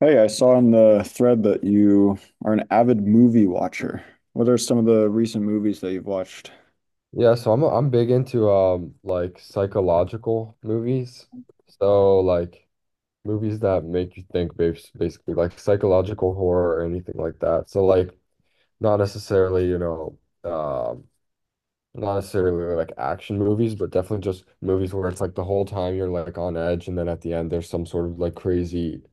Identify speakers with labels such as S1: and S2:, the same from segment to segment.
S1: Hey, I saw in the thread that you are an avid movie watcher. What are some of the recent movies that you've watched?
S2: Yeah, so I'm big into like psychological movies. So like movies that make you think basically like psychological horror or anything like that. So like not necessarily, you know, um not necessarily like action movies, but definitely just movies where it's like the whole time you're like on edge and then at the end there's some sort of like crazy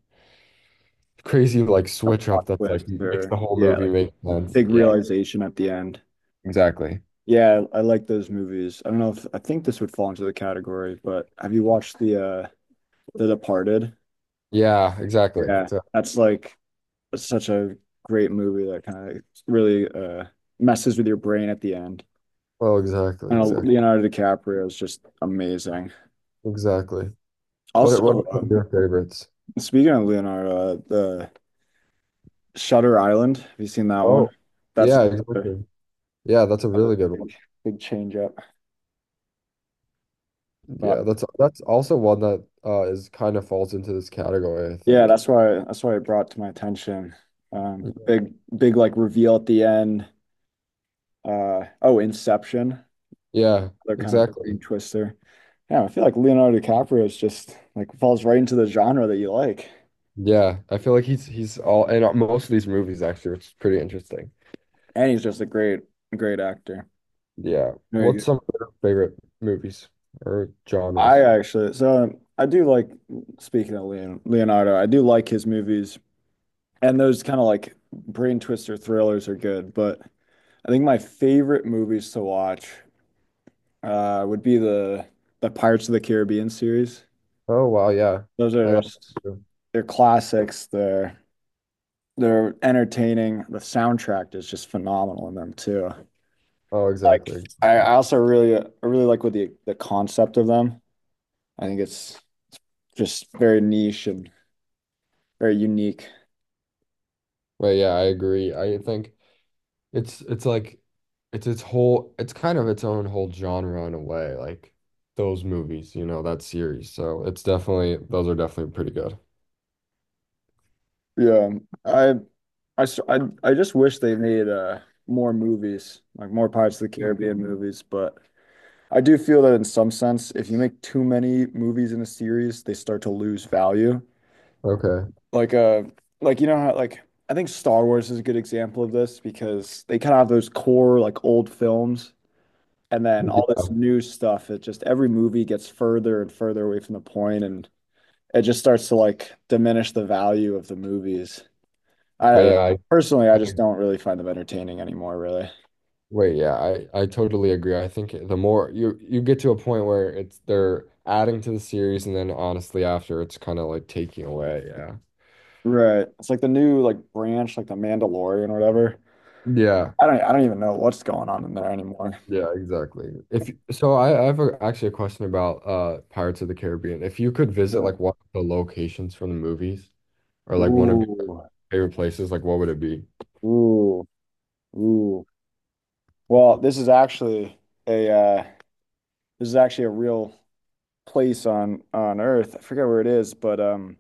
S2: crazy like
S1: A
S2: switch
S1: plot
S2: up that's like
S1: twist
S2: makes the
S1: or
S2: whole
S1: yeah,
S2: movie
S1: like
S2: make sense.
S1: big
S2: Yeah,
S1: realization at the end.
S2: exactly.
S1: Yeah, I like those movies. I don't know if I think this would fall into the category, but have you watched the The Departed?
S2: Yeah, exactly.
S1: Yeah,
S2: Exactly.
S1: that's like such a great movie that kind of really messes with your brain at the end.
S2: Oh, exactly,
S1: And
S2: exactly.
S1: Leonardo DiCaprio is just amazing.
S2: Exactly. What are
S1: Also,
S2: some of your favorites?
S1: speaking of Leonardo, the Shutter Island. Have you seen that one?
S2: Oh,
S1: That's
S2: yeah,
S1: another,
S2: exactly. Yeah, that's a really
S1: another
S2: good one.
S1: big change up.
S2: Yeah,
S1: But
S2: that's also one that is kind of falls into this category, I
S1: yeah,
S2: think.
S1: that's why it brought to my attention.
S2: Mhm.
S1: Big like reveal at the end. Oh, Inception.
S2: Yeah,
S1: They're kind of brain
S2: exactly.
S1: twister. Yeah, I feel like Leonardo DiCaprio is just like falls right into the genre that you like,
S2: Yeah, I feel like he's all in most of these movies actually, which is pretty interesting.
S1: and he's just a great actor.
S2: Yeah.
S1: Very
S2: What's
S1: good.
S2: some of your favorite movies or
S1: I
S2: genres?
S1: actually so I do like speaking of Leon, Leonardo. I do like his movies. And those kind of like brain twister thrillers are good, but I think my favorite movies to watch would be the Pirates of the Caribbean series.
S2: Oh wow, yeah.
S1: Those
S2: I
S1: are
S2: like that
S1: just
S2: too.
S1: they're classics. They're entertaining. The soundtrack is just phenomenal in them too.
S2: Oh,
S1: Like
S2: exactly.
S1: I,
S2: Okay.
S1: I also really I really like with the concept of them. I think it's just very niche and very unique.
S2: But yeah, I agree. I think it's like it's kind of its own whole genre in a way, like those movies, you know, that series. So it's definitely those are definitely pretty good.
S1: Yeah, I, I just wish they made more movies, like more Pirates of the Caribbean movies. But I do feel that in some sense, if you make too many movies in a series, they start to lose value.
S2: Okay.
S1: Like uh, like you know how like I think Star Wars is a good example of this because they kind of have those core like old films, and then all this
S2: Yeah.
S1: new stuff. It just every movie gets further and further away from the point, and it just starts to like diminish the value of the movies. I
S2: But
S1: don't
S2: yeah,
S1: know. Personally, I
S2: I
S1: just don't really find them entertaining anymore, really.
S2: yeah, I totally agree. I think the more you get to a point where it's they're adding to the series and then honestly after it's kind of like taking away, yeah.
S1: Right. It's like the new like branch, like the Mandalorian or whatever.
S2: Yeah.
S1: I don't even know what's going on in there anymore.
S2: Yeah, exactly. If so, I have actually a question about Pirates of the Caribbean. If you could visit
S1: Sure.
S2: like one of the locations from the movies, or like one of your
S1: Ooh.
S2: favorite places, like what would it be?
S1: Ooh. Ooh. Well, this is actually a this is actually a real place on Earth. I forget where it is, but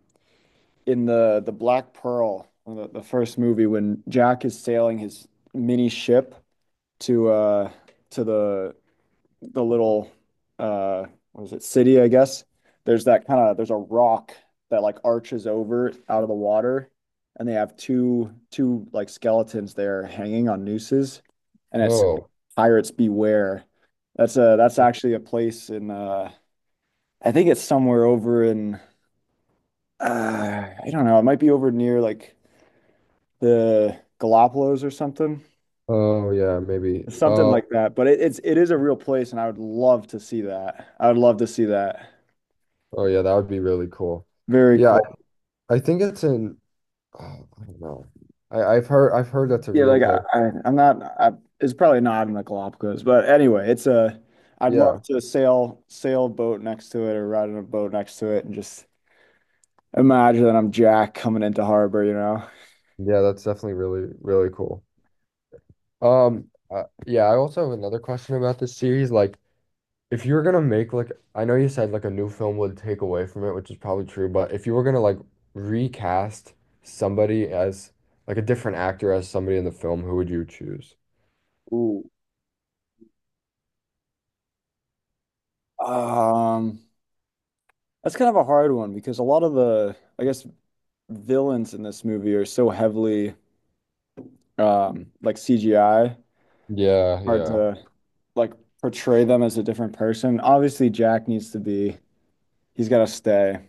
S1: in the Black Pearl, the first movie when Jack is sailing his mini ship to uh to the little uh what is it city I guess there's that kind of there's a rock that like arches over out of the water and they have two like skeletons there hanging on nooses and it's
S2: Oh,
S1: pirates beware that's a that's actually a place in I think it's somewhere over in I don't know it might be over near like the Galapagos or something
S2: oh yeah, maybe.
S1: something
S2: Oh,
S1: like that but it, it's it is a real place and I would love to see that I would love to see that
S2: oh yeah, that would be really cool.
S1: very
S2: Yeah,
S1: cool.
S2: I think it's in. Oh, I don't know. I've heard that's a
S1: Yeah,
S2: real
S1: like I,
S2: place.
S1: I, it's probably not in the Galapagos, but anyway, it's a I'd love
S2: Yeah,
S1: to sail a boat next to it or ride in a boat next to it and just imagine that I'm Jack coming into harbor, you know.
S2: yeah, that's definitely really cool. Yeah, I also have another question about this series. Like, if you were gonna make like, I know you said like a new film would take away from it, which is probably true. But if you were gonna like recast somebody as like a different actor as somebody in the film, who would you choose?
S1: Ooh. Um, that's kind of a hard one because a lot of the I guess villains in this movie are so heavily like CGI,
S2: Yeah,
S1: hard
S2: yeah,
S1: to like portray them as a different person. Obviously Jack needs to be he's got to stay.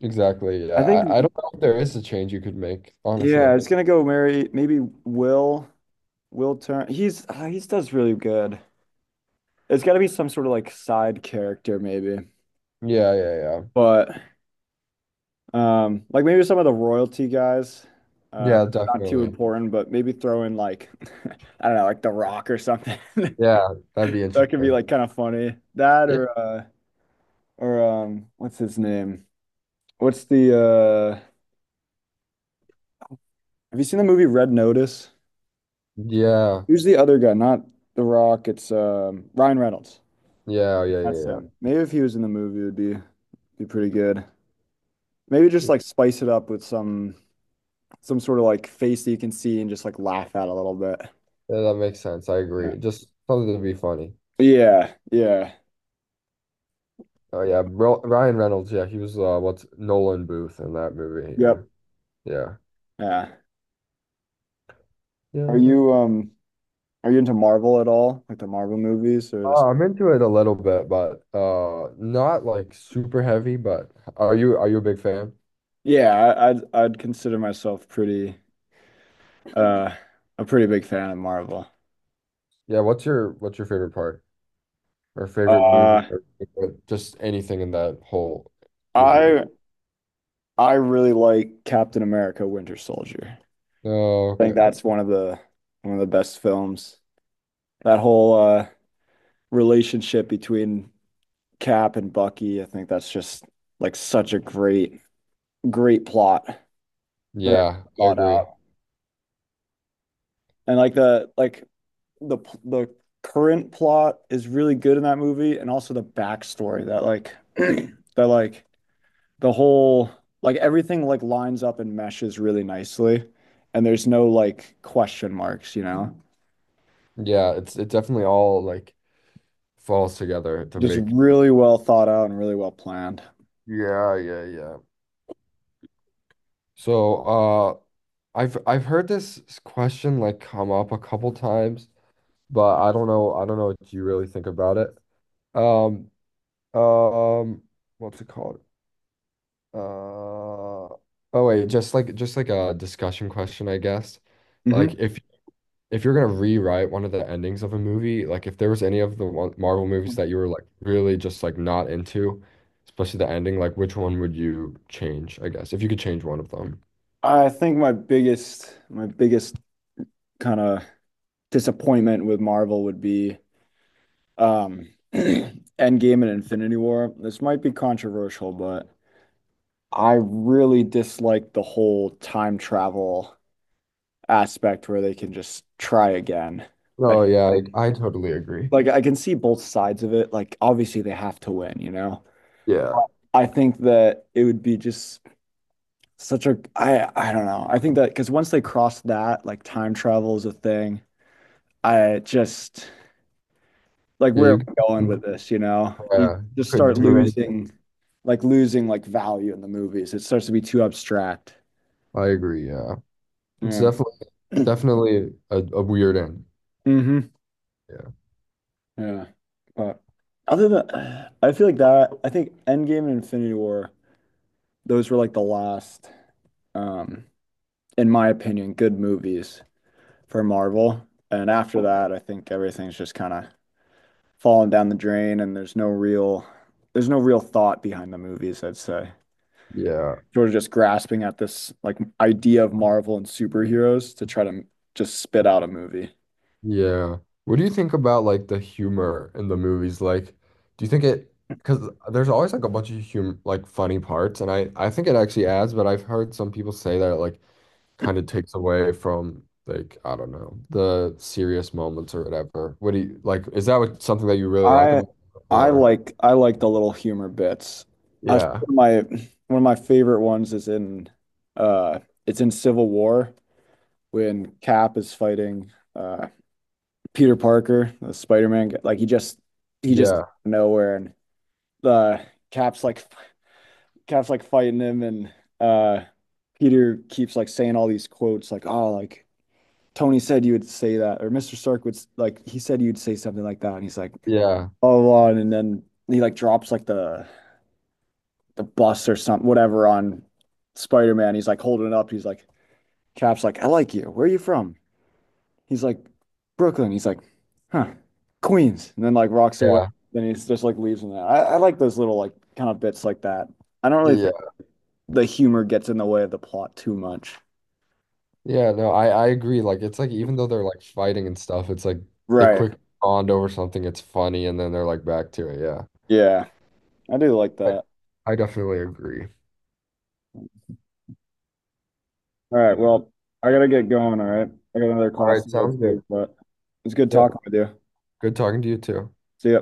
S2: exactly. Yeah,
S1: I think,
S2: I don't know if there is a change you could make,
S1: yeah,
S2: honestly.
S1: it's gonna go Mary. Maybe Will turn. He's does really good. It's got to be some sort of like side character, maybe.
S2: Yeah, yeah, yeah.
S1: But like maybe some of the royalty guys. Uh,
S2: Yeah,
S1: not too
S2: definitely.
S1: important, but maybe throw in like I don't know, like The Rock or something.
S2: Yeah, that'd be
S1: That could be
S2: interesting.
S1: like kind of funny. That
S2: Yeah,
S1: or what's his name? What's the? Have you seen the movie Red Notice?
S2: yeah,
S1: Who's the other guy? Not The Rock. It's Ryan Reynolds.
S2: yeah, yeah,
S1: That's
S2: yeah,
S1: him. Maybe if he was in the movie, it would be pretty good. Maybe just
S2: yeah.
S1: like spice it up with some sort of like face that you can see and just like laugh at a little bit.
S2: Yeah, that makes sense. I
S1: Yeah.
S2: agree. Just something to be funny.
S1: Yeah. Yeah.
S2: Oh yeah, Bro Ryan Reynolds. Yeah, he was what's Nolan Booth in that movie. Yeah,
S1: Yep.
S2: yeah,
S1: Yeah. Are
S2: yeah.
S1: you um are you into Marvel at all? Like the Marvel movies or this?
S2: I'm into it a little bit, but not like super heavy. But are you a big fan?
S1: Yeah, I, I'd consider myself pretty uh a pretty big fan of Marvel.
S2: Yeah. What's your favorite part? Or favorite movie
S1: Uh
S2: or just anything in that whole universe.
S1: I I really like Captain America Winter Soldier.
S2: Oh,
S1: I think
S2: okay.
S1: that's one of the best films. That whole relationship between Cap and Bucky, I think that's just like such a great, great plot. Very
S2: Yeah, I
S1: thought
S2: agree.
S1: out. And like the the current plot is really good in that movie and also the backstory that like that like the whole like everything like lines up and meshes really nicely and there's no like question marks, you know.
S2: Yeah, it's it definitely all like falls together to
S1: Just
S2: make.
S1: really well thought out and really well planned.
S2: Yeah, yeah, yeah. So, I've heard this question like come up a couple times, but I don't know what you really think about it. Um um what's it called? Uh oh wait, just like a discussion question, I guess. Like
S1: Mhm.
S2: if you're gonna rewrite one of the endings of a movie, like if there was any of the one Marvel movies that you were like really just like not into, especially the ending, like which one would you change, I guess, if you could change one of them?
S1: I think my biggest kind of disappointment with Marvel would be Endgame and Infinity War. This might be controversial, but I really dislike the whole time travel aspect where they can just try again. I,
S2: Oh yeah,
S1: like,
S2: I totally agree.
S1: like I can see both sides of it. Like obviously they have to win, you know.
S2: Yeah.
S1: I think that it would be just such a I don't know. I think that because once they cross that, like time travel is a thing. I just like
S2: Yeah,
S1: where are
S2: you
S1: we going with this, you know? You
S2: yeah,
S1: just
S2: could
S1: start
S2: do anything.
S1: losing like value in the movies. It starts to be too abstract.
S2: I agree, yeah. It's
S1: Yeah.
S2: definitely a weird end.
S1: Hmm.
S2: Yeah.
S1: Yeah. But other than I feel like that, I think Endgame and Infinity War, those were like the last, um, in my opinion, good movies for Marvel. And after that, I think everything's just kind of falling down the drain and there's no real thought behind the movies, I'd say.
S2: Yeah.
S1: Sort of just grasping at this like idea of Marvel and superheroes to try to just spit out a movie.
S2: Yeah. What do you think about like the humor in the movies? Like, do you think it, because there's always like a bunch of humor, like funny parts, and I think it actually adds, but I've heard some people say that it like kind of takes away from like I don't know the serious moments or whatever. What do you like? Is that what something that you really like
S1: I
S2: about it,
S1: I
S2: or
S1: like I like the little humor bits. I think
S2: yeah,
S1: one of my favorite ones is in uh it's in Civil War when Cap is fighting Peter Parker, the Spider-Man guy. Like he just
S2: yeah,
S1: nowhere and the Cap's like Cap's like fighting him and uh Peter keeps like saying all these quotes like oh like Tony said you would say that, or Mr. Stark would like he said you'd say something like that, and he's like,
S2: yeah,
S1: oh, blah, blah," and then he like drops like the bus or something, whatever on Spider-Man. He's like holding it up. He's like, Cap's like, I like you. Where are you from? He's like, Brooklyn. He's like, huh, Queens. And then like rocks away.
S2: yeah,
S1: Then he's just like leaves and that. I like those little like kind of bits like that. I don't really
S2: yeah,
S1: think the humor gets in the way of the plot too much.
S2: yeah. No, I agree. Like, it's like even though they're like fighting and stuff, it's like they
S1: Right.
S2: quick bond over something. It's funny, and then they're like back to it. Yeah.
S1: Yeah. I do like
S2: But
S1: that.
S2: I definitely agree.
S1: All right, well, I gotta get going, all right? I got another
S2: All
S1: class
S2: right,
S1: to go
S2: sounds good.
S1: to, but it's good
S2: Yep.
S1: talking with you.
S2: Good talking to you too.
S1: See ya.